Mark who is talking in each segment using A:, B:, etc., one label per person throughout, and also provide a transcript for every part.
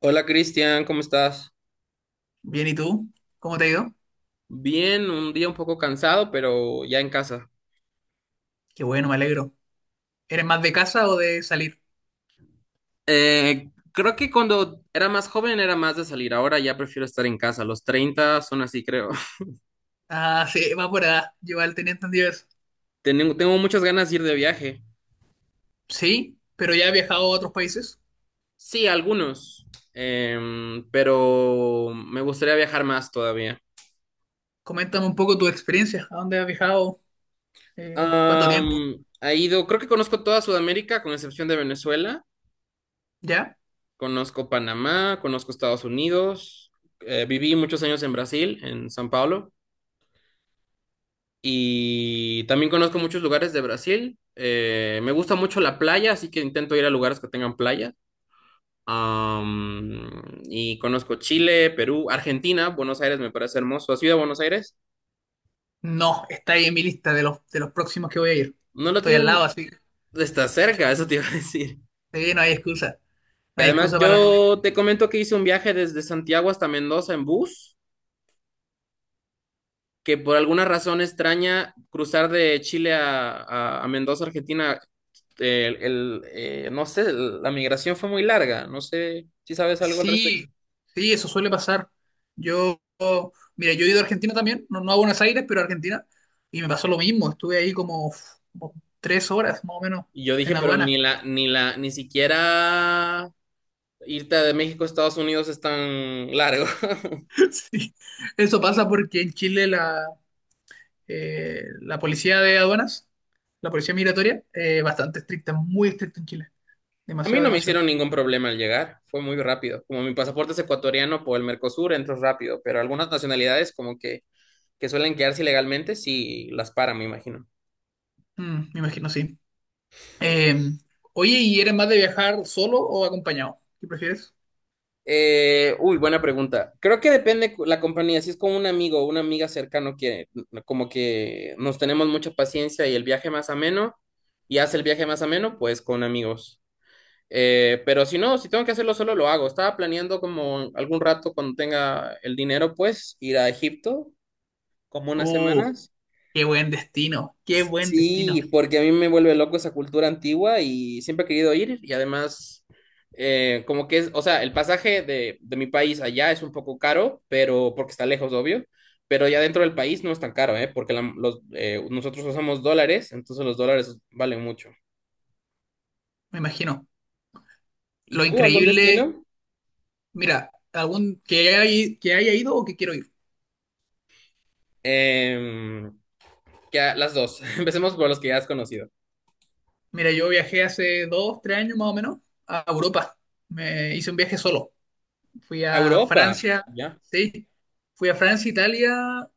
A: Hola Cristian, ¿cómo estás?
B: Bien, ¿y tú? ¿Cómo te ha ido?
A: Bien, un día un poco cansado, pero ya en casa.
B: Qué bueno, me alegro. ¿Eres más de casa o de salir?
A: Creo que cuando era más joven era más de salir, ahora ya prefiero estar en casa. Los 30 son así, creo.
B: Ah, sí, va por allá. Yo al tenía entendido eso.
A: Tengo muchas ganas de ir de viaje.
B: Sí, pero ya he viajado a otros países.
A: Sí, algunos. Pero me gustaría viajar más todavía.
B: Coméntame un poco tu experiencia. ¿A dónde has viajado? ¿Cuánto tiempo?
A: Ha ido, creo que conozco toda Sudamérica, con excepción de Venezuela.
B: ¿Ya?
A: Conozco Panamá, conozco Estados Unidos. Viví muchos años en Brasil, en San Pablo. Y también conozco muchos lugares de Brasil. Me gusta mucho la playa, así que intento ir a lugares que tengan playa. Y conozco Chile, Perú, Argentina. Buenos Aires me parece hermoso. ¿Has ido a Buenos Aires?
B: No, está ahí en mi lista de los próximos que voy a ir.
A: No lo
B: Estoy al lado,
A: tienen.
B: así que
A: Está cerca, eso te iba a decir.
B: sí, no hay excusa.
A: Y
B: No hay
A: además
B: excusa para no.
A: yo te comento que hice un viaje desde Santiago hasta Mendoza en bus, que por alguna razón extraña cruzar de Chile a Mendoza, Argentina, no sé, la migración fue muy larga, no sé si sabes algo al
B: Sí,
A: respecto.
B: sí, eso suele pasar. Yo, mira, yo he ido a Argentina también, no, no a Buenos Aires, pero a Argentina, y me pasó lo mismo. Estuve ahí como 3 horas, más o menos,
A: Y yo dije,
B: en
A: pero
B: aduana.
A: ni siquiera irte de México a Estados Unidos es tan largo.
B: Sí, eso pasa porque en Chile la policía de aduanas, la policía migratoria, es bastante estricta, muy estricta en Chile.
A: A mí
B: Demasiado,
A: no me
B: demasiado.
A: hicieron ningún problema al llegar, fue muy rápido. Como mi pasaporte es ecuatoriano, por el Mercosur entro rápido, pero algunas nacionalidades como que suelen quedarse ilegalmente, sí las paran, me imagino.
B: Me imagino, sí. Eh, oye, ¿y eres más de viajar solo o acompañado? ¿Qué prefieres?
A: Uy, buena pregunta. Creo que depende la compañía. Si es con un amigo o una amiga cercano que como que nos tenemos mucha paciencia y el viaje más ameno y hace el viaje más ameno, pues con amigos. Pero si no, si tengo que hacerlo solo, lo hago. Estaba planeando, como algún rato cuando tenga el dinero, pues ir a Egipto como unas
B: Uh,
A: semanas.
B: qué buen destino, qué buen destino.
A: Sí, porque a mí me vuelve loco esa cultura antigua y siempre he querido ir. Y además, como que es, o sea, el pasaje de mi país allá es un poco caro, pero porque está lejos, obvio, pero ya dentro del país no es tan caro, ¿eh? Porque nosotros usamos dólares, entonces los dólares valen mucho.
B: Me imagino.
A: ¿Y
B: Lo
A: tú, algún
B: increíble,
A: destino?
B: mira, algún que haya ido o que quiero ir.
A: Em, las dos, empecemos por los que ya has conocido.
B: Mira, yo viajé hace 2, 3 años más o menos a Europa. Me hice un viaje solo. Fui
A: ¿A
B: a
A: Europa,
B: Francia,
A: ya?
B: sí. Fui a Francia, Italia,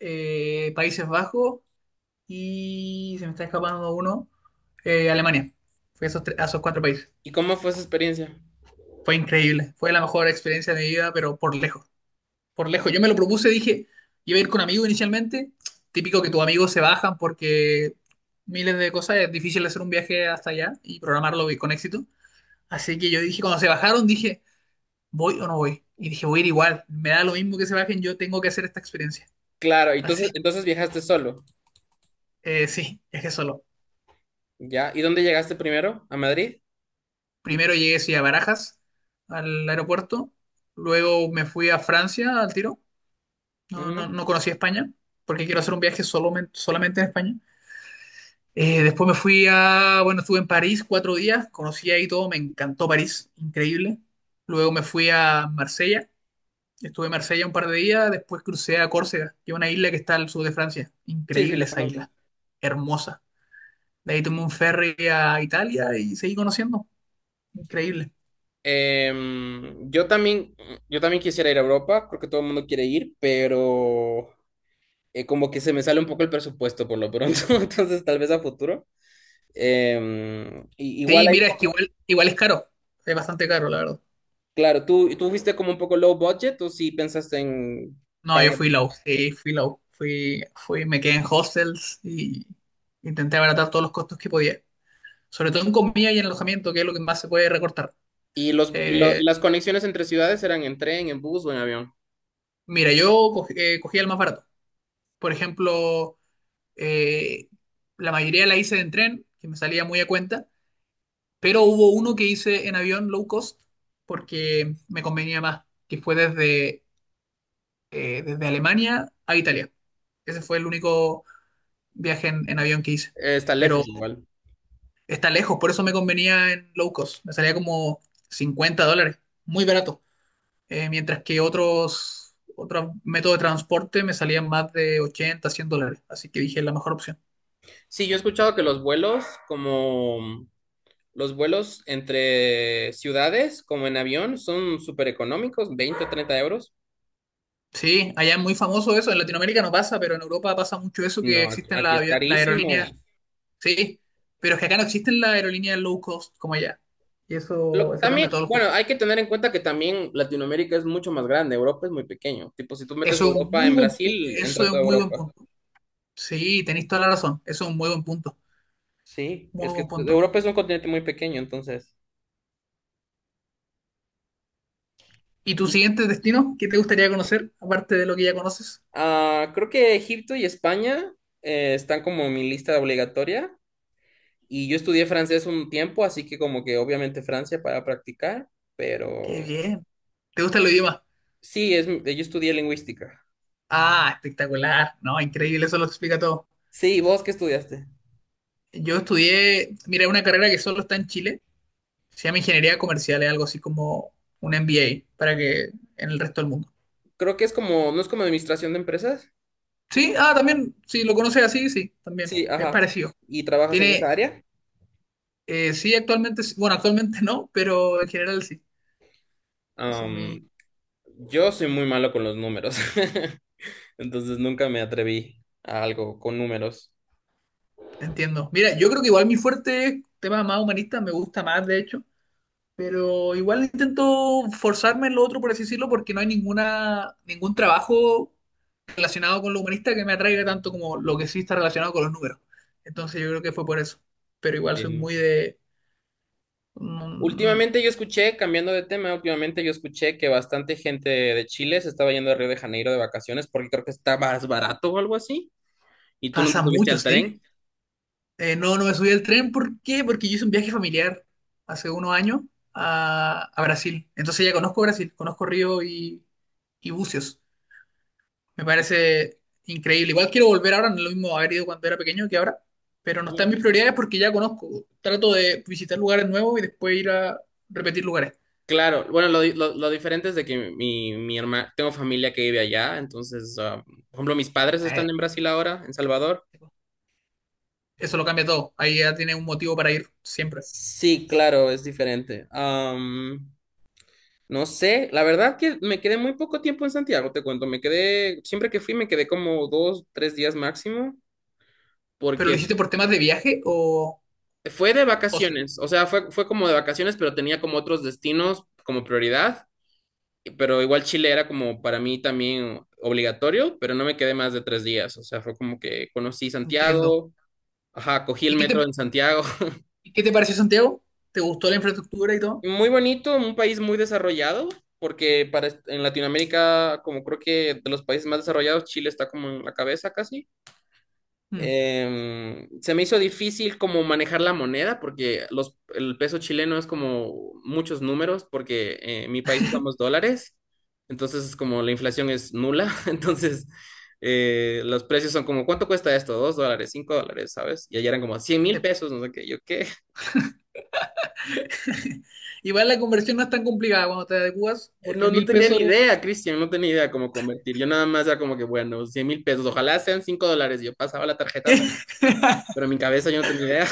B: Países Bajos y se me está escapando uno, Alemania. Fui a esos cuatro países.
A: ¿Y cómo fue esa experiencia?
B: Fue increíble. Fue la mejor experiencia de mi vida, pero por lejos. Por lejos. Yo me lo propuse, dije, iba a ir con amigos inicialmente. Típico que tus amigos se bajan porque miles de cosas, es difícil hacer un viaje hasta allá y programarlo con éxito. Así que yo dije, cuando se bajaron, dije, ¿voy o no voy? Y dije, voy a ir igual, me da lo mismo que se bajen, yo tengo que hacer esta experiencia.
A: Claro,
B: Así,
A: entonces viajaste solo.
B: sí, viajé solo.
A: ¿Ya? ¿Y dónde llegaste primero? ¿A Madrid?
B: Primero llegué sí, a Barajas, al aeropuerto, luego me fui a Francia al tiro, no, no,
A: Ujú.
B: no conocí España, porque quiero hacer un viaje solamente, solamente en España. Después me fui a, bueno, estuve en París 4 días, conocí ahí todo, me encantó París, increíble. Luego me fui a Marsella, estuve en Marsella un par de días, después crucé a Córcega, que es una isla que está al sur de Francia,
A: Sí, sí,
B: increíble
A: la
B: esa
A: conozco.
B: isla, hermosa. De ahí tomé un ferry a Italia y seguí conociendo, increíble.
A: Yo también, yo también quisiera ir a Europa, creo que todo el mundo quiere ir, pero como que se me sale un poco el presupuesto por lo pronto, entonces tal vez a futuro. Igual
B: Sí,
A: ahí,
B: mira, es que igual es caro, es bastante caro, la verdad.
A: claro, ¿tú fuiste como un poco low budget o sí pensaste en
B: No, yo
A: pagar?
B: fui low, sí, fui low, fui, me quedé en hostels y intenté abaratar todos los costos que podía. Sobre todo en comida y en alojamiento, que es lo que más se puede recortar.
A: ¿Y y
B: Eh,
A: las conexiones entre ciudades eran en tren, en bus o en avión?
B: mira, yo cogí, cogía el más barato. Por ejemplo, eh, la mayoría la hice en tren, que me salía muy a cuenta, pero hubo uno que hice en avión low cost porque me convenía más, que fue desde Alemania a Italia. Ese fue el único viaje en avión que hice.
A: Está
B: Pero
A: lejos igual.
B: está lejos, por eso me convenía en low cost. Me salía como $50, muy barato. Mientras que otros métodos de transporte me salían más de 80, $100. Así que dije, es la mejor opción.
A: Sí, yo he escuchado que los vuelos como... Los vuelos entre ciudades, como en avión, son súper económicos, 20 o 30 euros.
B: Sí, allá es muy famoso eso, en Latinoamérica no pasa, pero en Europa pasa mucho eso que
A: No, aquí
B: existen
A: aquí
B: las
A: es
B: avion- las aerolíneas,
A: carísimo.
B: sí, pero es que acá no existen las aerolíneas low cost como allá. Y eso cambia
A: También,
B: todo el
A: bueno,
B: juego.
A: hay que tener en cuenta que también Latinoamérica es mucho más grande, Europa es muy pequeño. Tipo, si tú metes
B: Eso es un
A: Europa
B: muy
A: en
B: buen, pu-
A: Brasil,
B: eso
A: entra
B: es
A: toda
B: un muy buen
A: Europa.
B: punto. Sí, tenéis toda la razón, eso es un muy buen punto,
A: Sí, es
B: muy
A: que
B: buen punto.
A: Europa es un continente muy pequeño, entonces.
B: ¿Y tu
A: Y
B: siguiente destino? ¿Qué te gustaría conocer, aparte de lo que ya conoces?
A: Creo que Egipto y España están como en mi lista obligatoria. Y yo estudié francés un tiempo, así que como que obviamente Francia para practicar,
B: Qué
A: pero...
B: bien. ¿Te gustan los idiomas?
A: Sí, yo estudié lingüística.
B: Ah, espectacular, ¿no? Increíble, eso lo explica todo.
A: Sí, ¿vos qué estudiaste?
B: Yo estudié, mira, una carrera que solo está en Chile, se llama Ingeniería Comercial, es algo así como un MBA, para que en el resto del mundo.
A: Creo que es como, ¿no es como administración de empresas?
B: Sí, ah, también, si lo conoces así, sí, también,
A: Sí,
B: es
A: ajá.
B: parecido.
A: ¿Y trabajas en
B: Tiene,
A: esa área?
B: sí, actualmente, bueno, actualmente no, pero en general sí. Eso es mi,
A: Am, yo soy muy malo con los números, entonces nunca me atreví a algo con números.
B: entiendo. Mira, yo creo que igual mi fuerte es temas más humanistas, me gusta más, de hecho. Pero igual intento forzarme en lo otro, por así decirlo, porque no hay ninguna, ningún trabajo relacionado con lo humanista que me atraiga tanto como lo que sí está relacionado con los números. Entonces yo creo que fue por eso. Pero igual soy
A: Entiendo.
B: muy de. mm,
A: Últimamente yo escuché, cambiando de tema, últimamente yo escuché que bastante gente de Chile se estaba yendo a Río de Janeiro de vacaciones porque creo que está más barato o algo así. Y tú no te
B: pasa
A: subiste
B: mucho,
A: al
B: ¿sí?
A: tren.
B: No, no me subí al tren. ¿Por qué? Porque yo hice un viaje familiar hace unos años a Brasil. Entonces ya conozco Brasil, conozco Río y Bucios. Me parece increíble. Igual quiero volver ahora, no es lo mismo haber ido cuando era pequeño que ahora, pero no está
A: Y-
B: en mis prioridades porque ya conozco. Trato de visitar lugares nuevos y después ir a repetir lugares.
A: Claro, bueno, lo diferente es de que mi hermana, tengo familia que vive allá, entonces, ah, por ejemplo, mis padres
B: Eh,
A: están en Brasil ahora, en Salvador.
B: Eso lo cambia todo. Ahí ya tienes un motivo para ir siempre.
A: Sí, claro, es diferente. No sé, la verdad que me quedé muy poco tiempo en Santiago, te cuento, me quedé, siempre que fui me quedé como dos, tres días máximo,
B: ¿Pero lo
A: porque
B: hiciste por temas de viaje o
A: fue de
B: ocio?
A: vacaciones, o sea, fue, fue como de vacaciones, pero tenía como otros destinos como prioridad. Pero igual Chile era como para mí también obligatorio, pero no me quedé más de 3 días, o sea, fue como que conocí
B: Entiendo.
A: Santiago, ajá, cogí el
B: ¿Y qué
A: metro
B: te,
A: en Santiago.
B: y qué te pareció Santiago? ¿Te gustó la infraestructura y todo?
A: Muy bonito, un país muy desarrollado, porque para, en Latinoamérica, como creo que de los países más desarrollados, Chile está como en la cabeza casi.
B: Mm,
A: Se me hizo difícil como manejar la moneda porque el peso chileno es como muchos números, porque en mi país usamos dólares, entonces es como la inflación es nula. Entonces, los precios son como, ¿cuánto cuesta esto? $2, $5, ¿sabes? Y allá eran como cien mil
B: sí.
A: pesos, no sé qué, yo qué.
B: Igual la conversión no es tan complicada cuando te adecuas, porque
A: No, no
B: mil
A: tenía ni
B: pesos,
A: idea, Cristian, no tenía ni idea cómo convertir. Yo nada más era como que, bueno, 100.000 pesos, ojalá sean $5. Yo pasaba la tarjeta, pero en mi cabeza yo no tenía idea.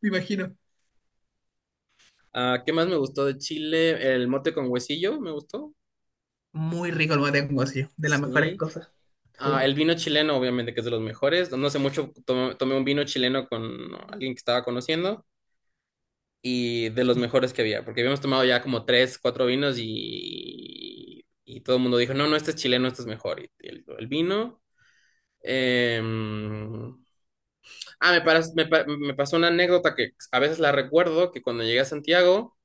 B: Me imagino.
A: Ah, ¿qué más me gustó de Chile? El mote con huesillo, me gustó.
B: Muy rico el mate con guasillo, de las mejores
A: Sí.
B: cosas.
A: Ah,
B: Sí.
A: el vino chileno, obviamente, que es de los mejores. No sé mucho, tomé un vino chileno con alguien que estaba conociendo, y de los mejores que había, porque habíamos tomado ya como tres, cuatro vinos, y todo el mundo dijo, no, no, este es chileno, este es mejor. Y el vino. em, Ah, me, paras- me pa- me pasó una anécdota que a veces la recuerdo, que cuando llegué a Santiago...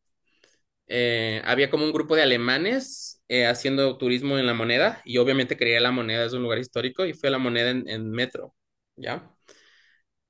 A: Había como un grupo de alemanes haciendo turismo en La Moneda, y obviamente quería La Moneda, es un lugar histórico, y fui a La Moneda en metro, ¿ya?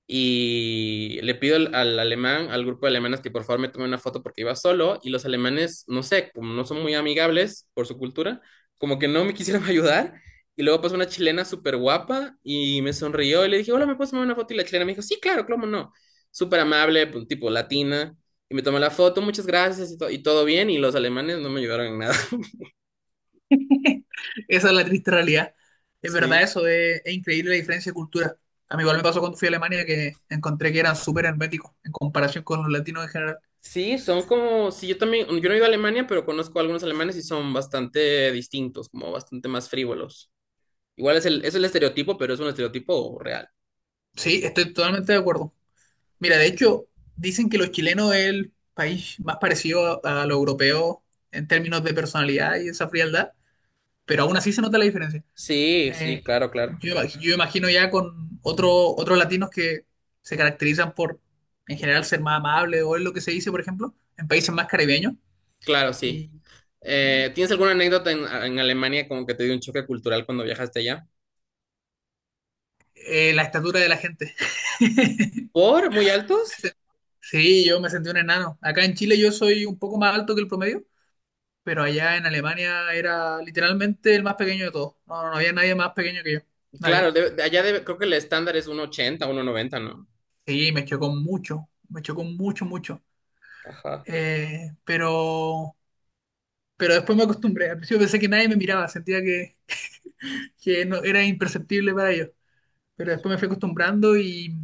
A: Y le pido al alemán, al grupo de alemanes que por favor me tome una foto porque iba solo, y los alemanes, no sé, como no son muy amigables por su cultura, como que no me quisieron ayudar. Y luego pasó una chilena súper guapa y me sonrió y le dije, hola, ¿me puedes tomar una foto? Y la chilena me dijo, sí, claro, cómo no, súper amable, pues, tipo latina, y me tomó la foto, muchas gracias, y, to- y todo bien, y los alemanes no me ayudaron en nada.
B: Esa es la triste realidad. Es verdad
A: Sí.
B: eso, es increíble la diferencia de cultura. A mí igual me pasó cuando fui a Alemania que encontré que eran súper herméticos en comparación con los latinos en general.
A: Sí, son como, sí, yo también, yo no he ido a Alemania, pero conozco a algunos alemanes y son bastante distintos, como bastante más frívolos. Igual es el estereotipo, pero es un estereotipo real.
B: Sí, estoy totalmente de acuerdo. Mira, de hecho, dicen que los chilenos es el país más parecido a lo europeo en términos de personalidad y esa frialdad, pero aún así se nota la diferencia.
A: Sí, sí,
B: Eh,
A: claro, claro,
B: yo, ima-
A: claro.
B: yo imagino ya con otro, otros latinos que se caracterizan por, en general, ser más amables o es lo que se dice, por ejemplo, en países más caribeños,
A: Claro, sí.
B: y, y,
A: ¿Tienes alguna anécdota en, Alemania, como que te dio un choque cultural cuando viajaste allá?
B: eh, la estatura de la gente.
A: ¿Por muy altos?
B: Sí, yo me sentí un enano. Acá en Chile yo soy un poco más alto que el promedio, pero allá en Alemania era literalmente el más pequeño de todos. No, no había nadie más pequeño que yo.
A: Claro,
B: Nadie.
A: de allá creo que el estándar es uno ochenta, uno noventa, ¿no?
B: Sí, me chocó mucho, mucho.
A: Ajá.
B: Eh, pero, pero después me acostumbré. Al principio pensé que nadie me miraba, sentía que no, era imperceptible para ellos. Pero después me fui acostumbrando y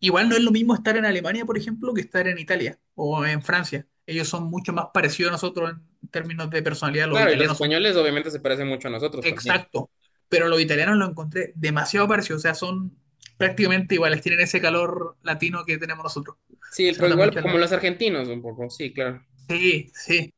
B: igual no es lo mismo estar en Alemania, por ejemplo, que estar en Italia o en Francia. Ellos son mucho más parecidos a nosotros en términos de personalidad. Los
A: Claro, y los
B: italianos son.
A: españoles obviamente se parecen mucho a nosotros también.
B: Exacto, pero los italianos lo encontré demasiado parecido, o sea, son prácticamente iguales, tienen ese calor latino que tenemos nosotros.
A: Sí,
B: Se
A: pues
B: nota
A: igual
B: mucho
A: como
B: la.
A: los argentinos un poco, sí, claro.
B: Sí, sí,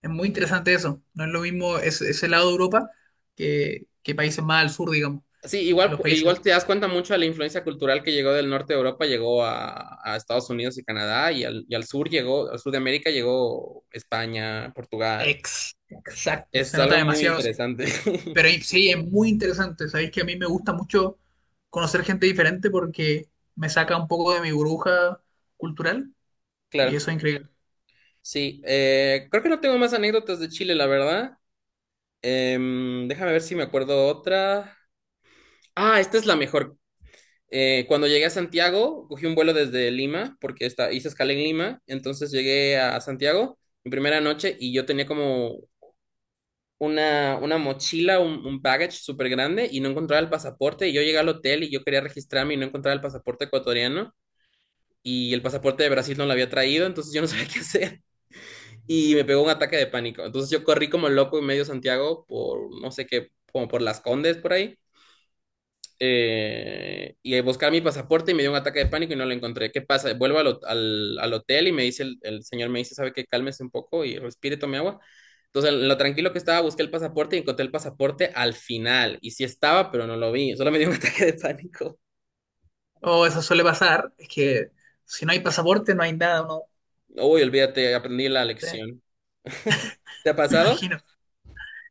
B: es muy interesante eso. No es lo mismo ese lado de Europa que países más al sur, digamos,
A: Sí,
B: en
A: igual,
B: los países.
A: igual te das cuenta mucho de la influencia cultural que llegó del norte de Europa, llegó a Estados Unidos y Canadá, y al sur llegó, al sur de América llegó España, Portugal.
B: Exacto,
A: Es
B: se nota
A: algo muy
B: demasiado eso.
A: interesante.
B: Pero sí, es muy interesante, sabéis que a mí me gusta mucho conocer gente diferente porque me saca un poco de mi burbuja cultural y
A: Claro,
B: eso es increíble.
A: sí. Creo que no tengo más anécdotas de Chile, la verdad. Déjame ver si me acuerdo otra. Ah, esta es la mejor. Cuando llegué a Santiago, cogí un vuelo desde Lima, porque hice escala en Lima, entonces llegué a Santiago mi primera noche y yo tenía como una mochila, un baggage súper grande y no encontraba el pasaporte. Y yo llegué al hotel y yo quería registrarme y no encontraba el pasaporte ecuatoriano. Y el pasaporte de Brasil no lo había traído, entonces yo no sabía qué hacer. Y me pegó un ataque de pánico. Entonces yo corrí como loco en medio Santiago por, no sé qué, como por Las Condes por ahí, y buscar mi pasaporte, y me dio un ataque de pánico y no lo encontré. ¿Qué pasa? Vuelvo al hotel y me dice el señor, me dice, ¿sabe qué? Cálmese un poco y respire, tome agua. Entonces, en lo tranquilo que estaba, busqué el pasaporte y encontré el pasaporte al final. Y sí estaba, pero no lo vi. Solo me dio un ataque de pánico.
B: O eso suele pasar, es que si no hay pasaporte no hay nada, uno.
A: Uy, olvídate, aprendí la
B: eh,
A: lección. ¿Te ha
B: Me
A: pasado?
B: imagino.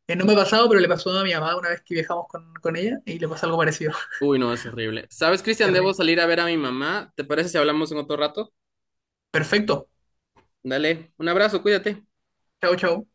B: No me ha pasado, pero le pasó a mi mamá una vez que viajamos con ella y le pasó algo parecido.
A: Uy, no, es horrible. ¿Sabes, Cristian? Debo
B: Terrible.
A: salir a ver a mi mamá. ¿Te parece si hablamos en otro rato?
B: Perfecto.
A: Dale, un abrazo, cuídate.
B: Chau, chau.